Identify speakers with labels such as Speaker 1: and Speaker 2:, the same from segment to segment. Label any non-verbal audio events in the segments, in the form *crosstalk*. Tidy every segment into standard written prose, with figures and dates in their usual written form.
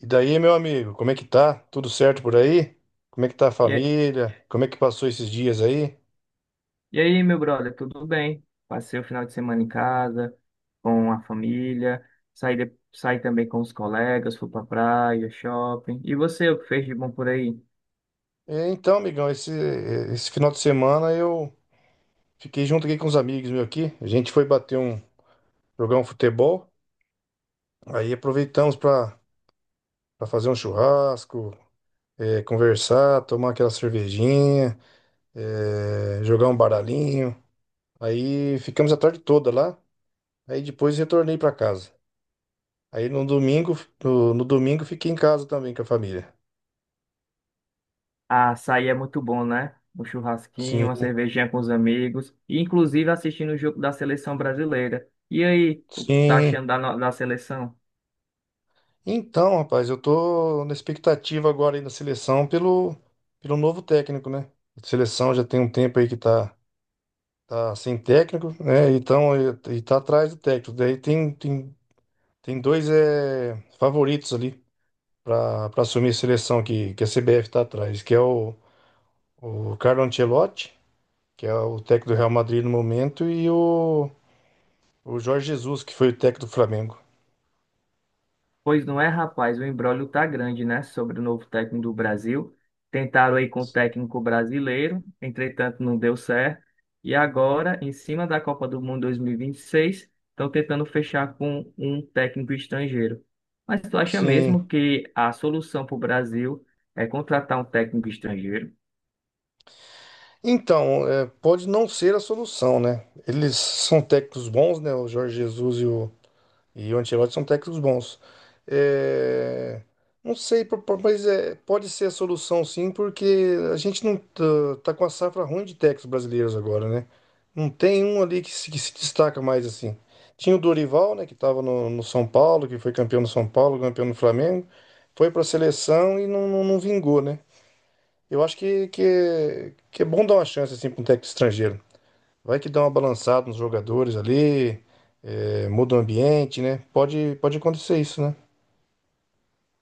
Speaker 1: E daí, meu amigo, como é que tá? Tudo certo por aí? Como é que tá a
Speaker 2: E, a-
Speaker 1: família? Como é que passou esses dias aí?
Speaker 2: e aí, meu brother, tudo bem? Passei o final de semana em casa, com a família, saí também com os colegas, fui pra praia, shopping. E você, o que fez de bom por aí?
Speaker 1: É, então, amigão, esse final de semana eu fiquei junto aqui com os amigos meus aqui. A gente foi jogar um futebol. Aí aproveitamos para fazer um churrasco, conversar, tomar aquela cervejinha, jogar um baralhinho. Aí ficamos a tarde toda lá. Aí depois retornei para casa. Aí no domingo, no domingo fiquei em casa também com a família.
Speaker 2: Ah, sair é muito bom, né? Um churrasquinho, uma
Speaker 1: Sim.
Speaker 2: cervejinha com os amigos, e inclusive assistindo o jogo da seleção brasileira. E aí, o que tá
Speaker 1: Sim.
Speaker 2: achando da seleção?
Speaker 1: Então, rapaz, eu tô na expectativa agora aí da seleção pelo novo técnico, né? A seleção já tem um tempo aí que tá sem técnico, né? Então, e tá atrás do técnico. Daí tem dois favoritos ali para assumir a seleção que a CBF tá atrás, que é o Carlo Ancelotti, que é o técnico do Real Madrid no momento, e o Jorge Jesus, que foi o técnico do Flamengo.
Speaker 2: Pois não é, rapaz, o imbróglio tá grande, né, sobre o novo técnico do Brasil. Tentaram aí com o técnico brasileiro, entretanto não deu certo. E agora, em cima da Copa do Mundo 2026, estão tentando fechar com um técnico estrangeiro. Mas tu acha
Speaker 1: Sim.
Speaker 2: mesmo que a solução para o Brasil é contratar um técnico estrangeiro?
Speaker 1: Então, pode não ser a solução, né? Eles são técnicos bons, né? O Jorge Jesus e o Ancelotti são técnicos bons. É, não sei, mas pode ser a solução sim, porque a gente não tá com a safra ruim de técnicos brasileiros agora, né? Não tem um ali que se destaca mais assim. Tinha o Dorival, né? Que estava no São Paulo, que foi campeão no São Paulo, campeão no Flamengo, foi para a seleção e não vingou, né? Eu acho que é bom dar uma chance assim para um técnico estrangeiro. Vai que dá uma balançada nos jogadores ali, muda o ambiente, né? Pode acontecer isso, né?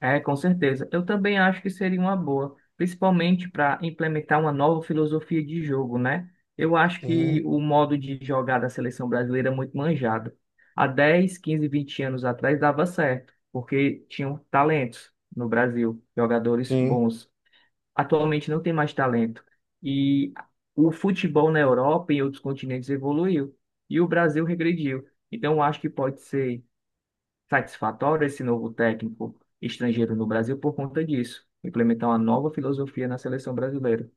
Speaker 2: É, com certeza. Eu também acho que seria uma boa, principalmente para implementar uma nova filosofia de jogo, né? Eu acho
Speaker 1: Sim,
Speaker 2: que o modo de jogar da seleção brasileira é muito manjado. Há 10, 15, 20 anos atrás dava certo, porque tinham talentos no Brasil, jogadores
Speaker 1: sim,
Speaker 2: bons. Atualmente não tem mais talento. E o futebol na Europa e em outros continentes evoluiu, e o Brasil regrediu. Então, eu acho que pode ser satisfatório esse novo técnico estrangeiro no Brasil por conta disso, implementar uma nova filosofia na seleção brasileira.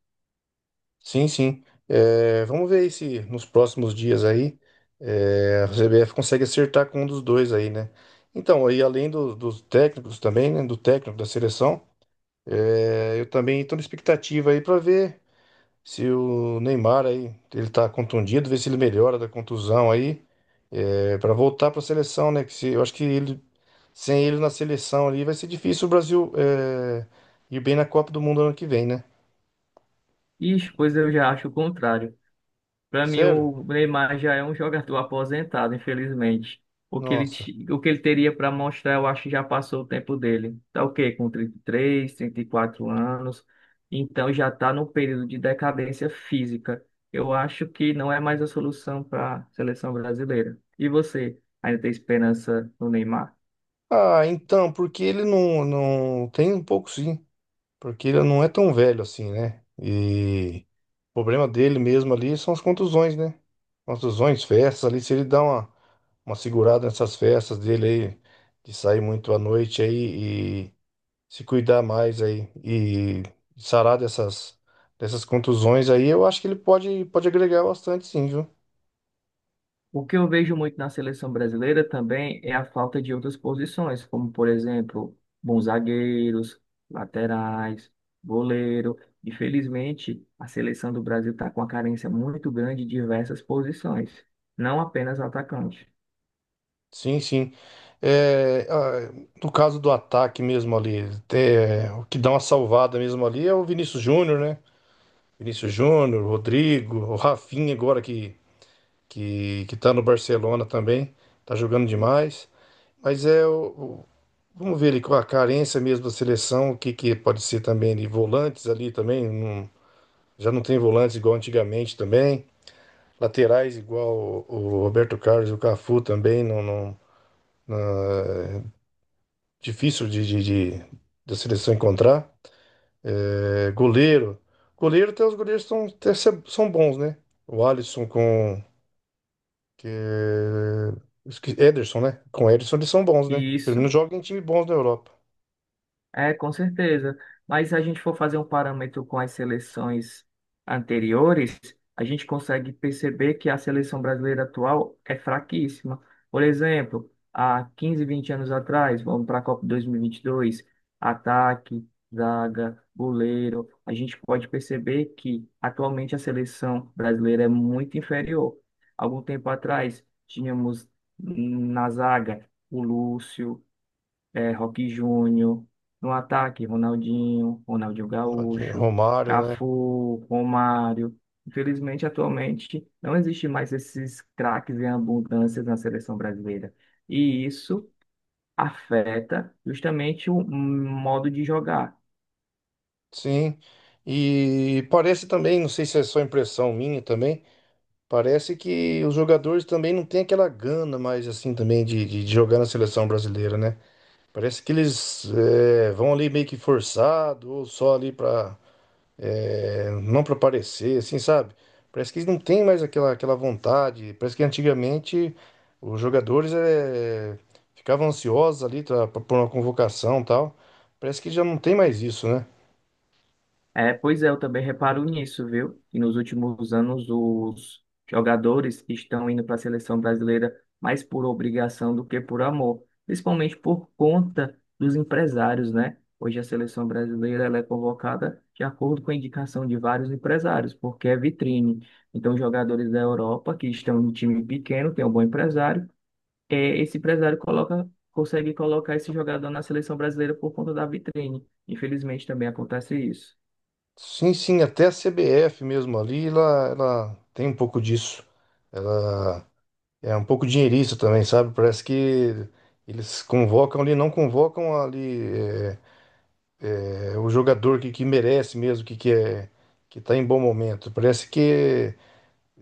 Speaker 1: sim, sim. É, vamos ver aí se nos próximos dias aí a CBF consegue acertar com um dos dois aí, né? Então, aí além dos técnicos também, né? Do técnico da seleção, eu também estou na expectativa aí para ver. Se o Neymar aí, ele tá contundido, ver se ele melhora da contusão aí, para voltar para a seleção, né? Que se, Eu acho que sem ele na seleção ali vai ser difícil o Brasil ir bem na Copa do Mundo ano que vem, né?
Speaker 2: E pois eu já acho o contrário. Para mim,
Speaker 1: Sério?
Speaker 2: o Neymar já é um jogador *laughs* aposentado, infelizmente. O que ele,
Speaker 1: Nossa.
Speaker 2: ti- o que ele teria para mostrar, eu acho que já passou o tempo dele. Tá o quê? Com 33, 34 anos. Então já está no período de decadência física. Eu acho que não é mais a solução para a seleção brasileira. E você, ainda tem esperança no Neymar?
Speaker 1: Ah, então, porque ele não tem um pouco sim, porque ele não é tão velho assim, né? E o problema dele mesmo ali são as contusões, né? Contusões, festas ali, se ele dá uma segurada nessas festas dele aí, de sair muito à noite aí e se cuidar mais aí e sarar dessas contusões aí, eu acho que ele pode agregar bastante sim, viu?
Speaker 2: O que eu vejo muito na seleção brasileira também é a falta de outras posições, como, por exemplo, bons zagueiros, laterais, goleiro. Infelizmente, a seleção do Brasil está com uma carência muito grande de diversas posições, não apenas atacante.
Speaker 1: Sim, sim. É, ah, no caso do ataque mesmo ali, o que dá uma salvada mesmo ali é o Vinícius Júnior, né? Vinícius Júnior, Rodrigo, o Rafinha agora que tá no Barcelona também, tá jogando demais. Mas vamos ver ali com a carência mesmo da seleção, o que pode ser também de volantes ali também, já não tem volantes igual antigamente também, laterais igual o Roberto Carlos e o Cafu também, difícil de- da seleção encontrar. É, goleiro até os goleiros são, até se- são bons, né? O Alisson com que é, esque- Ederson, né? Com Ederson eles são bons, né?
Speaker 2: E
Speaker 1: Pelo menos
Speaker 2: isso...
Speaker 1: jogam em time bons da Europa.
Speaker 2: É, com certeza. Mas se a gente for fazer um parâmetro com as seleções anteriores, a gente consegue perceber que a seleção brasileira atual é fraquíssima. Por exemplo, há 15, 20 anos atrás, vamos para a Copa 2022, ataque, zaga, goleiro, a gente pode perceber que atualmente a seleção brasileira é muito inferior. Algum tempo atrás, tínhamos na zaga o Lúcio, Roque Júnior, no ataque, Ronaldinho, Ronaldinho
Speaker 1: Ronaldinho,
Speaker 2: Gaúcho,
Speaker 1: Romário, né?
Speaker 2: Cafu, Romário. Infelizmente, atualmente, não existe mais esses craques em abundância na seleção brasileira. E isso afeta justamente o modo de jogar.
Speaker 1: Sim, e parece também, não sei se é só impressão minha também, parece que os jogadores também não têm aquela gana mais assim também de jogar na seleção brasileira, né? Parece que eles vão ali meio que forçado ou só ali pra não para parecer, assim, sabe? Parece que eles não têm mais aquela vontade, parece que antigamente os jogadores ficavam ansiosos ali tá, por uma convocação e tal, parece que já não tem mais isso, né?
Speaker 2: É, pois é, eu também reparo nisso, viu? Que nos últimos anos os jogadores estão indo para a seleção brasileira mais por obrigação do que por amor, principalmente por conta dos empresários, né? Hoje a seleção brasileira ela é convocada de acordo com a indicação de vários empresários, porque é vitrine. Então, jogadores da Europa que estão em time pequeno, tem um bom empresário, esse empresário coloca, consegue colocar esse jogador na seleção brasileira por conta da vitrine. Infelizmente também acontece isso.
Speaker 1: Sim, sim, até a CBF mesmo ali, ela tem um pouco disso. Ela é um pouco dinheirista também, sabe? Parece que eles convocam ali, não convocam ali o jogador que merece mesmo, que é que tá em bom momento. Parece que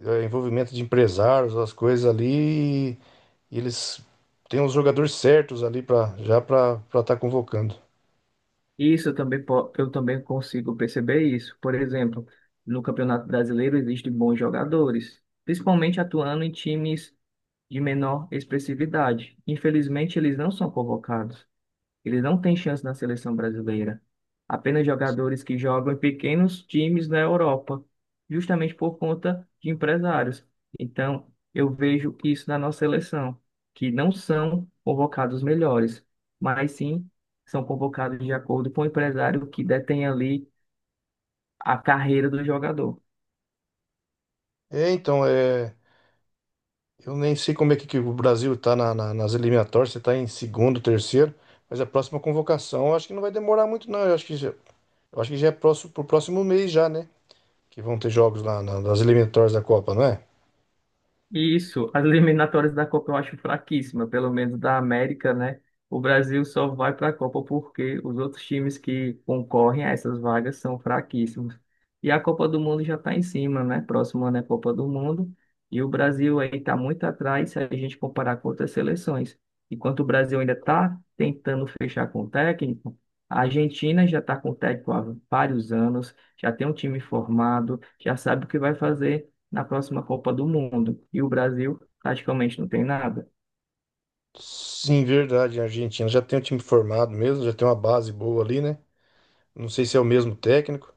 Speaker 1: é envolvimento de empresários, as coisas ali, e eles têm os jogadores certos ali para já para estar convocando.
Speaker 2: Isso eu também, eu também consigo perceber isso. Por exemplo, no Campeonato Brasileiro existem bons jogadores, principalmente atuando em times de menor expressividade. Infelizmente, eles não são convocados. Ele não tem chance na seleção brasileira. Apenas jogadores que jogam em pequenos times na Europa, justamente por conta de empresários. Então, eu vejo isso na nossa seleção, que não são convocados os melhores, mas sim são convocados de acordo com o empresário que detém ali a carreira do jogador.
Speaker 1: É, então, é. Eu nem sei como é que o Brasil tá nas eliminatórias, se tá em segundo, terceiro, mas a próxima convocação eu acho que não vai demorar muito, não. Eu acho que já é próximo, pro próximo mês já, né? Que vão ter jogos lá nas eliminatórias da Copa, não é?
Speaker 2: Isso, as eliminatórias da Copa eu acho fraquíssima, pelo menos da América, né? O Brasil só vai para a Copa porque os outros times que concorrem a essas vagas são fraquíssimos. E a Copa do Mundo já está em cima, né? Próximo ano é Copa do Mundo. E o Brasil aí está muito atrás se a gente comparar com outras seleções. Enquanto o Brasil ainda está tentando fechar com o técnico, a Argentina já está com o técnico há vários anos, já tem um time formado, já sabe o que vai fazer na próxima Copa do Mundo. E o Brasil praticamente não tem nada.
Speaker 1: Sim, verdade, a Argentina já tem um time formado mesmo, já tem uma base boa ali, né? Não sei se é o mesmo técnico.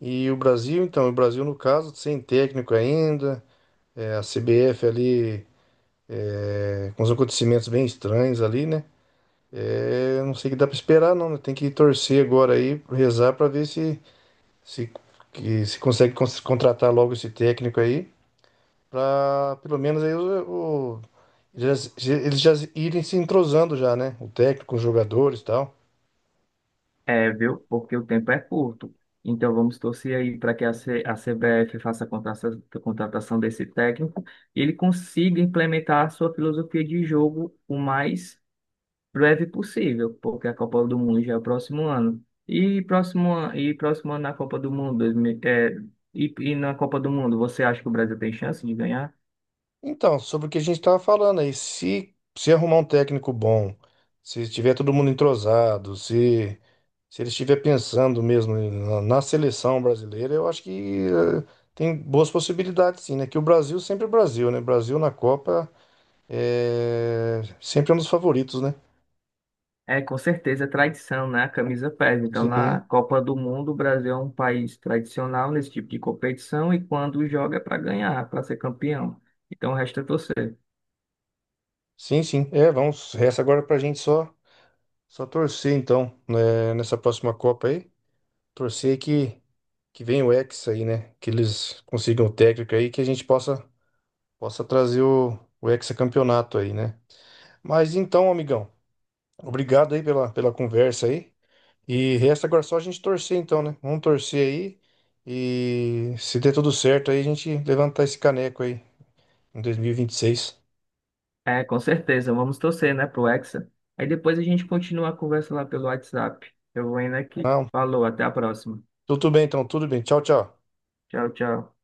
Speaker 1: E o Brasil, no caso, sem técnico ainda, a CBF ali, com os acontecimentos bem estranhos ali, né? É, não sei o que dá pra esperar, não, né? Tem que torcer agora aí, rezar pra ver se, se consegue contratar logo esse técnico aí, pra pelo menos aí eles já irem se entrosando já, né? O técnico, os jogadores e tal.
Speaker 2: É, viu? Porque o tempo é curto. Então vamos torcer aí para que a CBF faça a contratação desse técnico e ele consiga implementar a sua filosofia de jogo o mais breve possível, porque a Copa do Mundo já é o próximo ano. E próximo ano na Copa do Mundo, e na Copa do Mundo, você acha que o Brasil tem chance de ganhar?
Speaker 1: Então, sobre o que a gente estava falando aí, se arrumar um técnico bom, se estiver todo mundo entrosado, se ele estiver pensando mesmo na seleção brasileira, eu acho que tem boas possibilidades sim, né? Que o Brasil sempre é o Brasil, né? Brasil na Copa é sempre um dos favoritos, né?
Speaker 2: É, com certeza, é tradição, né? A camisa pesa. Então,
Speaker 1: Sim,
Speaker 2: na Copa do Mundo, o Brasil é um país tradicional nesse tipo de competição e quando joga é para ganhar, para ser campeão. Então, resta torcer.
Speaker 1: sim, sim. É, resta agora pra gente só torcer então, né, nessa próxima Copa aí. Torcer que venha o Hexa aí, né? Que eles consigam o técnico aí, que a gente possa trazer o hexacampeonato aí, né? Mas então, amigão, obrigado aí pela conversa aí. E resta agora só a gente torcer então, né? Vamos torcer aí. E se der tudo certo aí, a gente levantar esse caneco aí em dois mil e vinte e seis.
Speaker 2: É, com certeza, vamos torcer, né, pro Hexa. Aí depois a gente continua a conversa lá pelo WhatsApp. Eu vou indo aqui.
Speaker 1: Não,
Speaker 2: Falou, até a próxima.
Speaker 1: tudo bem então, tudo bem. Tchau, tchau.
Speaker 2: Tchau, tchau.